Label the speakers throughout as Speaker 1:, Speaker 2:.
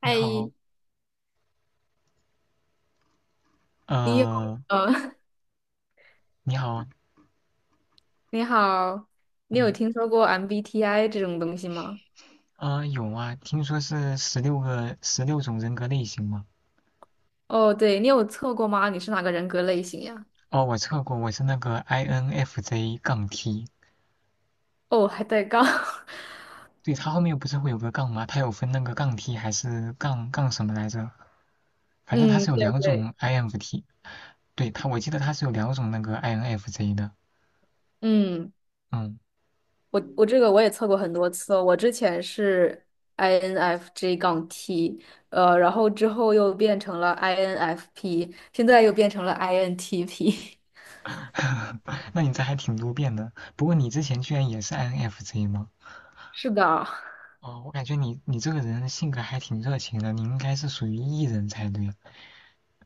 Speaker 1: 你
Speaker 2: 嗨，
Speaker 1: 好，
Speaker 2: 你有
Speaker 1: 呃，
Speaker 2: 呃，
Speaker 1: 你好。
Speaker 2: 你好，你有
Speaker 1: 嗯，
Speaker 2: 听说过 MBTI 这种东西吗？
Speaker 1: 有啊，听说是十六个十六种人格类型嘛。
Speaker 2: 哦，对，你有测过吗？你是哪个人格类型呀？
Speaker 1: 哦，我测过，我是那个 INFJ 杠 T。
Speaker 2: 哦，还带杠。
Speaker 1: 对，它后面不是会有个杠吗？它有分那个杠 T 还是杠杠什么来着？反正它
Speaker 2: 嗯，
Speaker 1: 是有
Speaker 2: 对
Speaker 1: 两
Speaker 2: 对。
Speaker 1: 种 INFT。对，它我记得它是有两种那个 INFJ 的。
Speaker 2: 嗯，
Speaker 1: 嗯，
Speaker 2: 我这个我也测过很多次哦，我之前是 INFJ 杠 T。然后之后又变成了 INFP，现在又变成了 INTP。
Speaker 1: 那你这还挺多变的，不过你之前居然也是 INFJ 吗？
Speaker 2: 是的。
Speaker 1: 哦，我感觉你这个人性格还挺热情的，你应该是属于 E 人才对。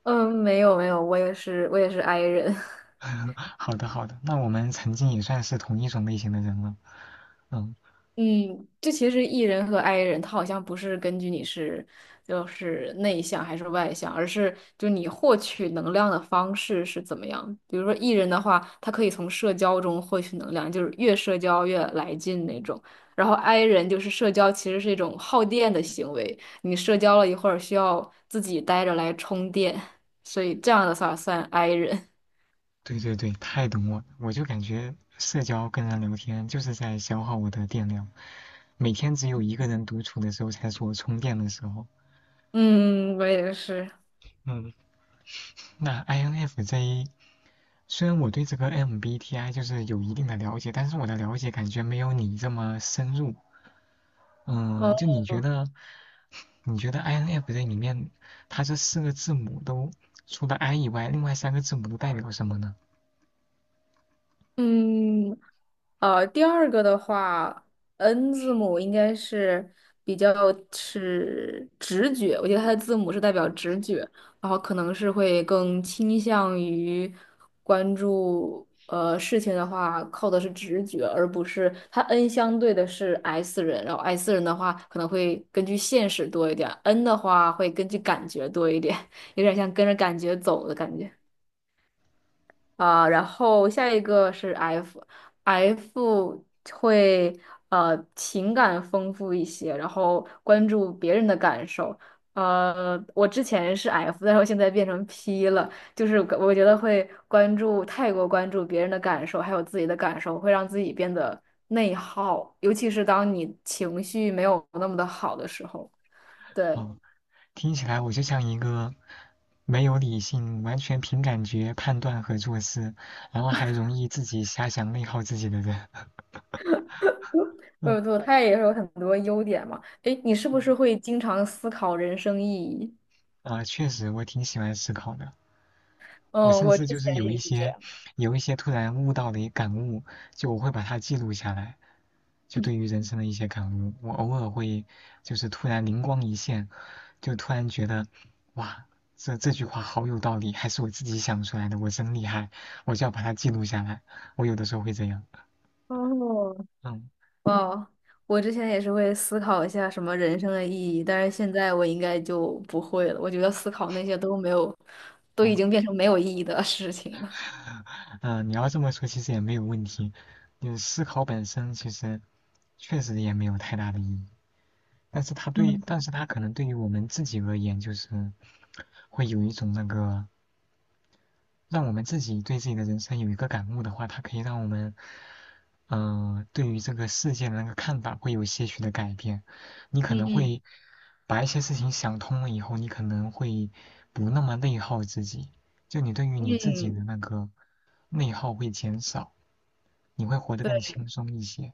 Speaker 2: 嗯，没有没有，我也是 I 人。
Speaker 1: 好的，好的，那我们曾经也算是同一种类型的人了。嗯，
Speaker 2: 嗯，这其实 E 人和 I 人，他好像不是根据你是就是内向还是外向，而是就你获取能量的方式是怎么样。比如说 E 人的话，他可以从社交中获取能量，就是越社交越来劲那种。然后 I 人就是社交其实是一种耗电的行为，你社交了一会儿需要自己待着来充电，所以这样的话算 I 人。
Speaker 1: 对对对，太懂我了，我就感觉社交跟人聊天就是在消耗我的电量，每天只有一个人独处的时候才是我充电的时候。
Speaker 2: 嗯，我也是。
Speaker 1: 嗯，那 INFJ 虽然我对这个 MBTI 就是有一定的了解，但是我的了解感觉没有你这么深入。
Speaker 2: 哦。
Speaker 1: 嗯，就你觉得，你觉得 INFJ 里面，它这四个字母都除了 I 以外，另外三个字母都代表什么呢？
Speaker 2: 嗯，第二个的话，N 字母应该是比较是直觉，我觉得它的字母是代表直觉，然后可能是会更倾向于关注事情的话，靠的是直觉，而不是它 N 相对的是 S 人，然后 S 人的话可能会根据现实多一点，N 的话会根据感觉多一点，有点像跟着感觉走的感觉。啊、然后下一个是 F，F 会情感丰富一些，然后关注别人的感受。我之前是 F,但是我现在变成 P 了，就是我觉得会太过关注别人的感受，还有自己的感受，会让自己变得内耗，尤其是当你情绪没有那么的好的时候。对。
Speaker 1: 哦，听起来我就像一个没有理性、完全凭感觉判断和做事，然后还容易自己瞎想内耗自己的人。
Speaker 2: 没
Speaker 1: 嗯
Speaker 2: 有错，它也是有很多优点嘛。诶，你是不是
Speaker 1: 嗯，
Speaker 2: 会经常思考人生意义？
Speaker 1: 啊，确实我挺喜欢思考的。我
Speaker 2: 嗯，
Speaker 1: 甚
Speaker 2: 我
Speaker 1: 至
Speaker 2: 之
Speaker 1: 就是
Speaker 2: 前
Speaker 1: 有一
Speaker 2: 也是这
Speaker 1: 些
Speaker 2: 样。
Speaker 1: 有一些突然悟到的一感悟，就我会把它记录下来，就对于人生的一些感悟，我偶尔会就是突然灵光一现，就突然觉得哇，这句话好有道理，还是我自己想出来的，我真厉害，我就要把它记录下来。我有的时候会这样。
Speaker 2: 哦。
Speaker 1: 嗯
Speaker 2: 哇，我之前也是会思考一下什么人生的意义，但是现在我应该就不会了。我觉得思考那些都没有，都
Speaker 1: 嗯
Speaker 2: 已经变成没有意义的 事情了。
Speaker 1: 嗯，你要这么说其实也没有问题，就是思考本身其实确实也没有太大的意义，但是它对，但是它可能对于我们自己而言就是。会有一种那个让我们自己对自己的人生有一个感悟的话，它可以让我们，对于这个世界的那个看法会有些许的改变。你可能
Speaker 2: 嗯
Speaker 1: 会把一些事情想通了以后，你可能会不那么内耗自己，就你对于
Speaker 2: 嗯。
Speaker 1: 你自己
Speaker 2: 嗯。
Speaker 1: 的那个内耗会减少，你会活得更
Speaker 2: 对，
Speaker 1: 轻松一些。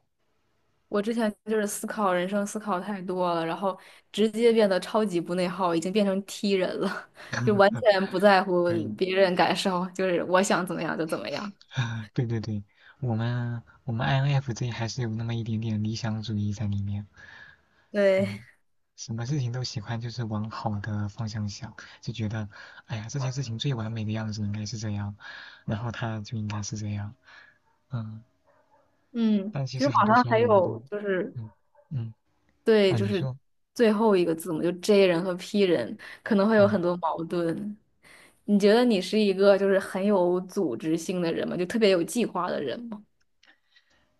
Speaker 2: 我之前就是思考人生，思考太多了，然后直接变得超级不内耗，已经变成 T 人了，就完 全不在乎
Speaker 1: 可以。
Speaker 2: 别人感受，就是我想怎么样就怎么样。
Speaker 1: 对对对，我们 INFJ 还是有那么一点点理想主义在里面。
Speaker 2: 对。
Speaker 1: 嗯，什么事情都喜欢就是往好的方向想，就觉得，哎呀，这件事情最完美的样子应该是这样，然后它就应该是这样。嗯，
Speaker 2: 嗯，
Speaker 1: 但其
Speaker 2: 其
Speaker 1: 实
Speaker 2: 实
Speaker 1: 很
Speaker 2: 网
Speaker 1: 多
Speaker 2: 上
Speaker 1: 时候
Speaker 2: 还
Speaker 1: 我们
Speaker 2: 有
Speaker 1: 都，
Speaker 2: 就是
Speaker 1: 嗯嗯
Speaker 2: 对，
Speaker 1: 啊，
Speaker 2: 就
Speaker 1: 你
Speaker 2: 是
Speaker 1: 说。
Speaker 2: 最后一个字母，就 J 人和 P 人可能会有
Speaker 1: 嗯，
Speaker 2: 很多矛盾。你觉得你是一个就是很有组织性的人吗？就特别有计划的人吗？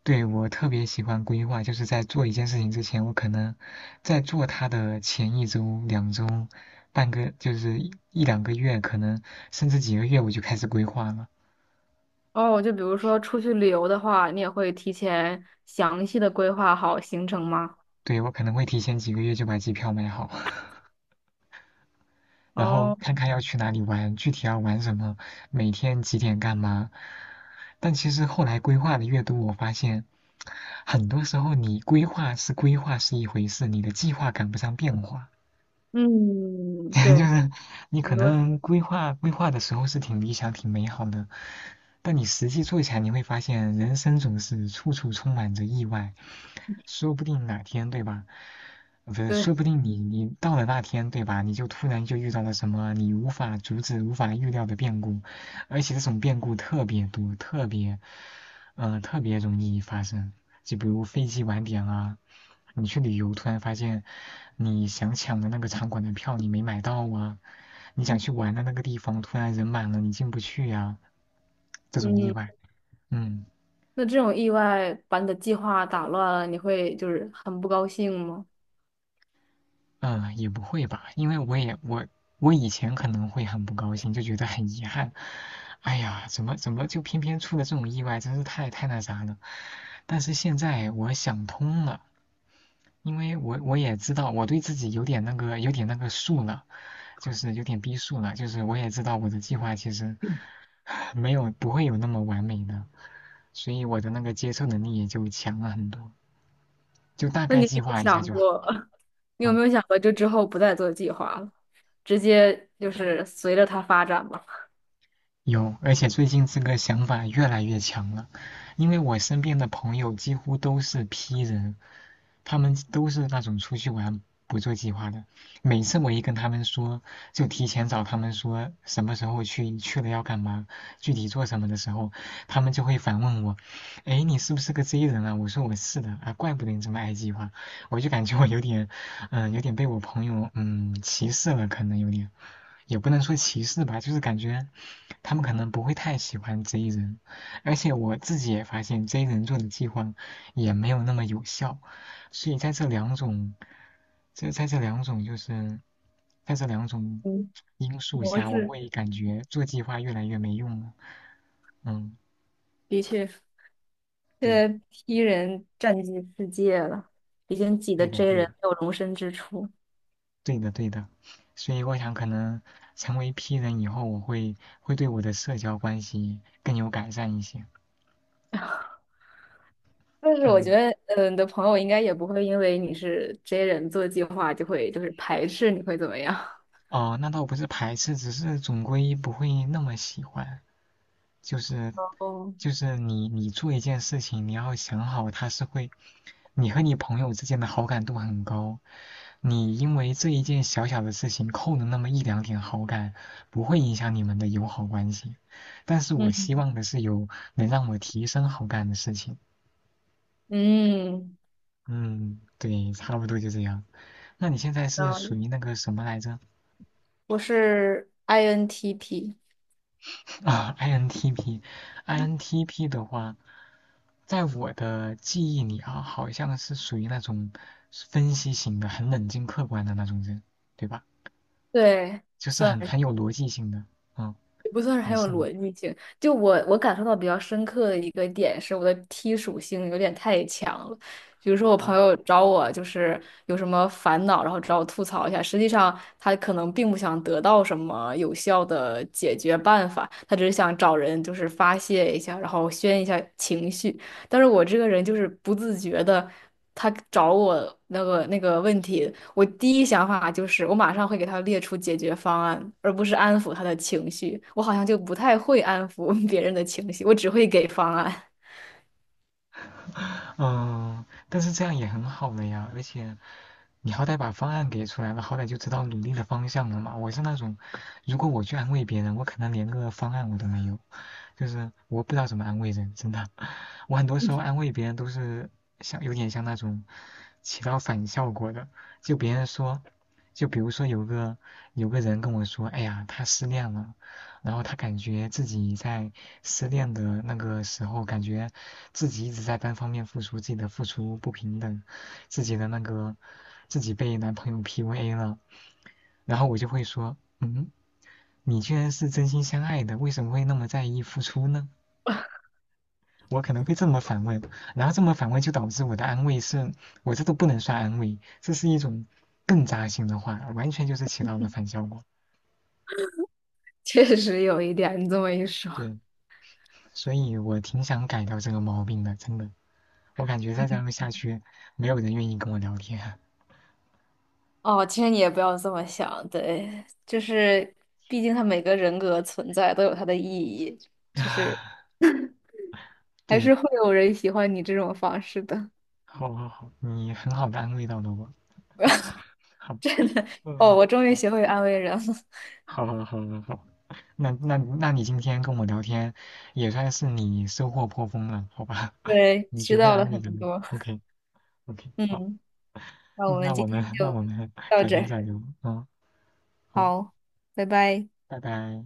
Speaker 1: 对，我特别喜欢规划，就是在做一件事情之前，我可能在做它的前一周、两周、半个，就是一两个月，可能甚至几个月，我就开始规划了。
Speaker 2: 哦，就比如说出去旅游的话，你也会提前详细的规划好行程吗？
Speaker 1: 对，我可能会提前几个月就把机票买好。然后
Speaker 2: 哦。
Speaker 1: 看看要去哪里玩，具体要玩什么，每天几点干嘛。但其实后来规划的越多，我发现很多时候你规划是规划是一回事，你的计划赶不上变化。
Speaker 2: 嗯。
Speaker 1: 就
Speaker 2: 对。
Speaker 1: 是你
Speaker 2: 很
Speaker 1: 可
Speaker 2: 多。
Speaker 1: 能规划规划的时候是挺理想、挺美好的，但你实际做起来，你会发现人生总是处处充满着意外。说不定哪天，对吧？不是，
Speaker 2: 对
Speaker 1: 说不定你到了那天，对吧？你就突然就遇到了什么你无法阻止、无法预料的变故，而且这种变故特别多，特别，特别容易发生。就比如飞机晚点啊，你去旅游突然发现你想抢的那个场馆的票你没买到啊，你 想
Speaker 2: 嗯。
Speaker 1: 去玩的那个地方突然人满了你进不去呀、这种意外。
Speaker 2: 嗯，
Speaker 1: 嗯。
Speaker 2: 那这种意外把你的计划打乱了，你会就是很不高兴吗？
Speaker 1: 也不会吧，因为我我以前可能会很不高兴，就觉得很遗憾，哎呀，怎么就偏偏出了这种意外，真是太那啥了。但是现在我想通了，因为我也知道我对自己有点那个有点那个数了，就是有点逼数了，就是我也知道我的计划其实 没有不会有那么完美的，所以我的那个接受能力也就强了很多，就大
Speaker 2: 那
Speaker 1: 概
Speaker 2: 你有
Speaker 1: 计
Speaker 2: 没有
Speaker 1: 划一下
Speaker 2: 想
Speaker 1: 就好。
Speaker 2: 过，你有没
Speaker 1: 嗯。
Speaker 2: 有想过，就之后不再做计划了，直接就是随着它发展吧？
Speaker 1: 有，而且最近这个想法越来越强了，因为我身边的朋友几乎都是 P 人，他们都是那种出去玩不做计划的。每次我一跟他们说，就提前找他们说什么时候去，去了要干嘛，具体做什么的时候，他们就会反问我：“哎，你是不是个 J 人啊？”我说：“我是的啊，怪不得你这么爱计划。”我就感觉我有点，有点被我朋友歧视了，可能有点，也不能说歧视吧，就是感觉。他们可能不会太喜欢 J 人，而且我自己也发现 J 人做的计划也没有那么有效，所以在这两种就是在这两种
Speaker 2: 嗯，
Speaker 1: 因素
Speaker 2: 模
Speaker 1: 下，我
Speaker 2: 式
Speaker 1: 会感觉做计划越来越没用了。嗯，
Speaker 2: 的确，现
Speaker 1: 对，
Speaker 2: 在 P 人占据世界了，已经挤得
Speaker 1: 对的，
Speaker 2: J
Speaker 1: 对的，
Speaker 2: 人没有容身之处。
Speaker 1: 对的，对的。所以我想，可能成为 P 人以后，我会对我的社交关系更有改善一些。
Speaker 2: 但是我觉
Speaker 1: 嗯。
Speaker 2: 得，嗯，你的朋友应该也不会因为你是 J 人做计划就会就是排斥你会怎么样？
Speaker 1: 哦，那倒不是排斥，只是总归不会那么喜欢。就是
Speaker 2: 哦。
Speaker 1: 就是你做一件事情，你要想好它是会，你和你朋友之间的好感度很高，你因为这一件小小的事情扣了那么一两点好感，不会影响你们的友好关系。但是我希
Speaker 2: 嗯
Speaker 1: 望的是有能让我提升好感的事情。
Speaker 2: 嗯。
Speaker 1: 嗯，对，差不多就这样。那你现在是属
Speaker 2: 嗯，
Speaker 1: 于那个什么来着？
Speaker 2: 我是 INTP。
Speaker 1: 啊，INTP，INTP 的话，在我的记忆里啊，好像是属于那种分析型的、很冷静客观的那种人，对吧？
Speaker 2: 对。
Speaker 1: 就是
Speaker 2: 算。
Speaker 1: 很有逻辑性的。嗯，你是你
Speaker 2: 就我感受到比较深刻的一个点是，我的 T 属性有点太强了。比如说，我朋
Speaker 1: 啊。
Speaker 2: 友找我就是有什么烦恼，然后找我吐槽一下，实际上他可能并不想得到什么有效的解决办法，他只是想找人就是发泄一下，然后宣一下情绪。但是我这个人就是不自觉的，他找我那个问题，我第一想法就是我马上会给他列出解决方案，而不是安抚他的情绪。我好像就不太会安抚 别人的情绪，我只会给方案。
Speaker 1: 嗯，但是这样也很好了呀，而且你好歹把方案给出来了，好歹就知道努力的方向了嘛。我是那种，如果我去安慰别人，我可能连个方案我都没有，就是我不知道怎么安慰人，真的。我很多时候安慰别人都是像有点像那种起到反效果的，就别人说，就比如说有个人跟我说，哎呀，他失恋了，然后他感觉自己在失恋的那个时候，感觉自己一直在单方面付出，自己的付出不平等，自己的那个。自己被男朋友 PUA 了，然后我就会说，嗯，你居然是真心相爱的，为什么会那么在意付出呢？我可能会这么反问，然后这么反问就导致我的安慰是，我这都不能算安慰，这是一种更扎心的话，完全就是起到了反效果。
Speaker 2: 确实有一点，你这么一说。
Speaker 1: 对，所以我挺想改掉这个毛病的，真的，我感觉再这样下去，没有人愿意跟我聊天。
Speaker 2: 哦，其实你也不要这么想。对，就是毕竟他每个人格存在都有它的意义，就是 还是
Speaker 1: 对，
Speaker 2: 会有人喜欢你这种方式的。
Speaker 1: 好好好，你很好的安慰到了我，好吧。嗯，
Speaker 2: 哦，我 终于
Speaker 1: 好，
Speaker 2: 学会安慰人了。
Speaker 1: 好，好，好，好，好。那那你今天跟我聊天，也算是你收获颇丰了，好吧？
Speaker 2: 对，
Speaker 1: 你
Speaker 2: 学
Speaker 1: 学会
Speaker 2: 到了
Speaker 1: 安慰
Speaker 2: 很
Speaker 1: 人了。
Speaker 2: 多。
Speaker 1: OK，OK，好，
Speaker 2: 嗯，那我们今天
Speaker 1: 那
Speaker 2: 就
Speaker 1: 我们
Speaker 2: 到
Speaker 1: 改
Speaker 2: 这
Speaker 1: 天
Speaker 2: 儿，
Speaker 1: 再聊。嗯，好，
Speaker 2: 好，拜拜。
Speaker 1: 拜拜。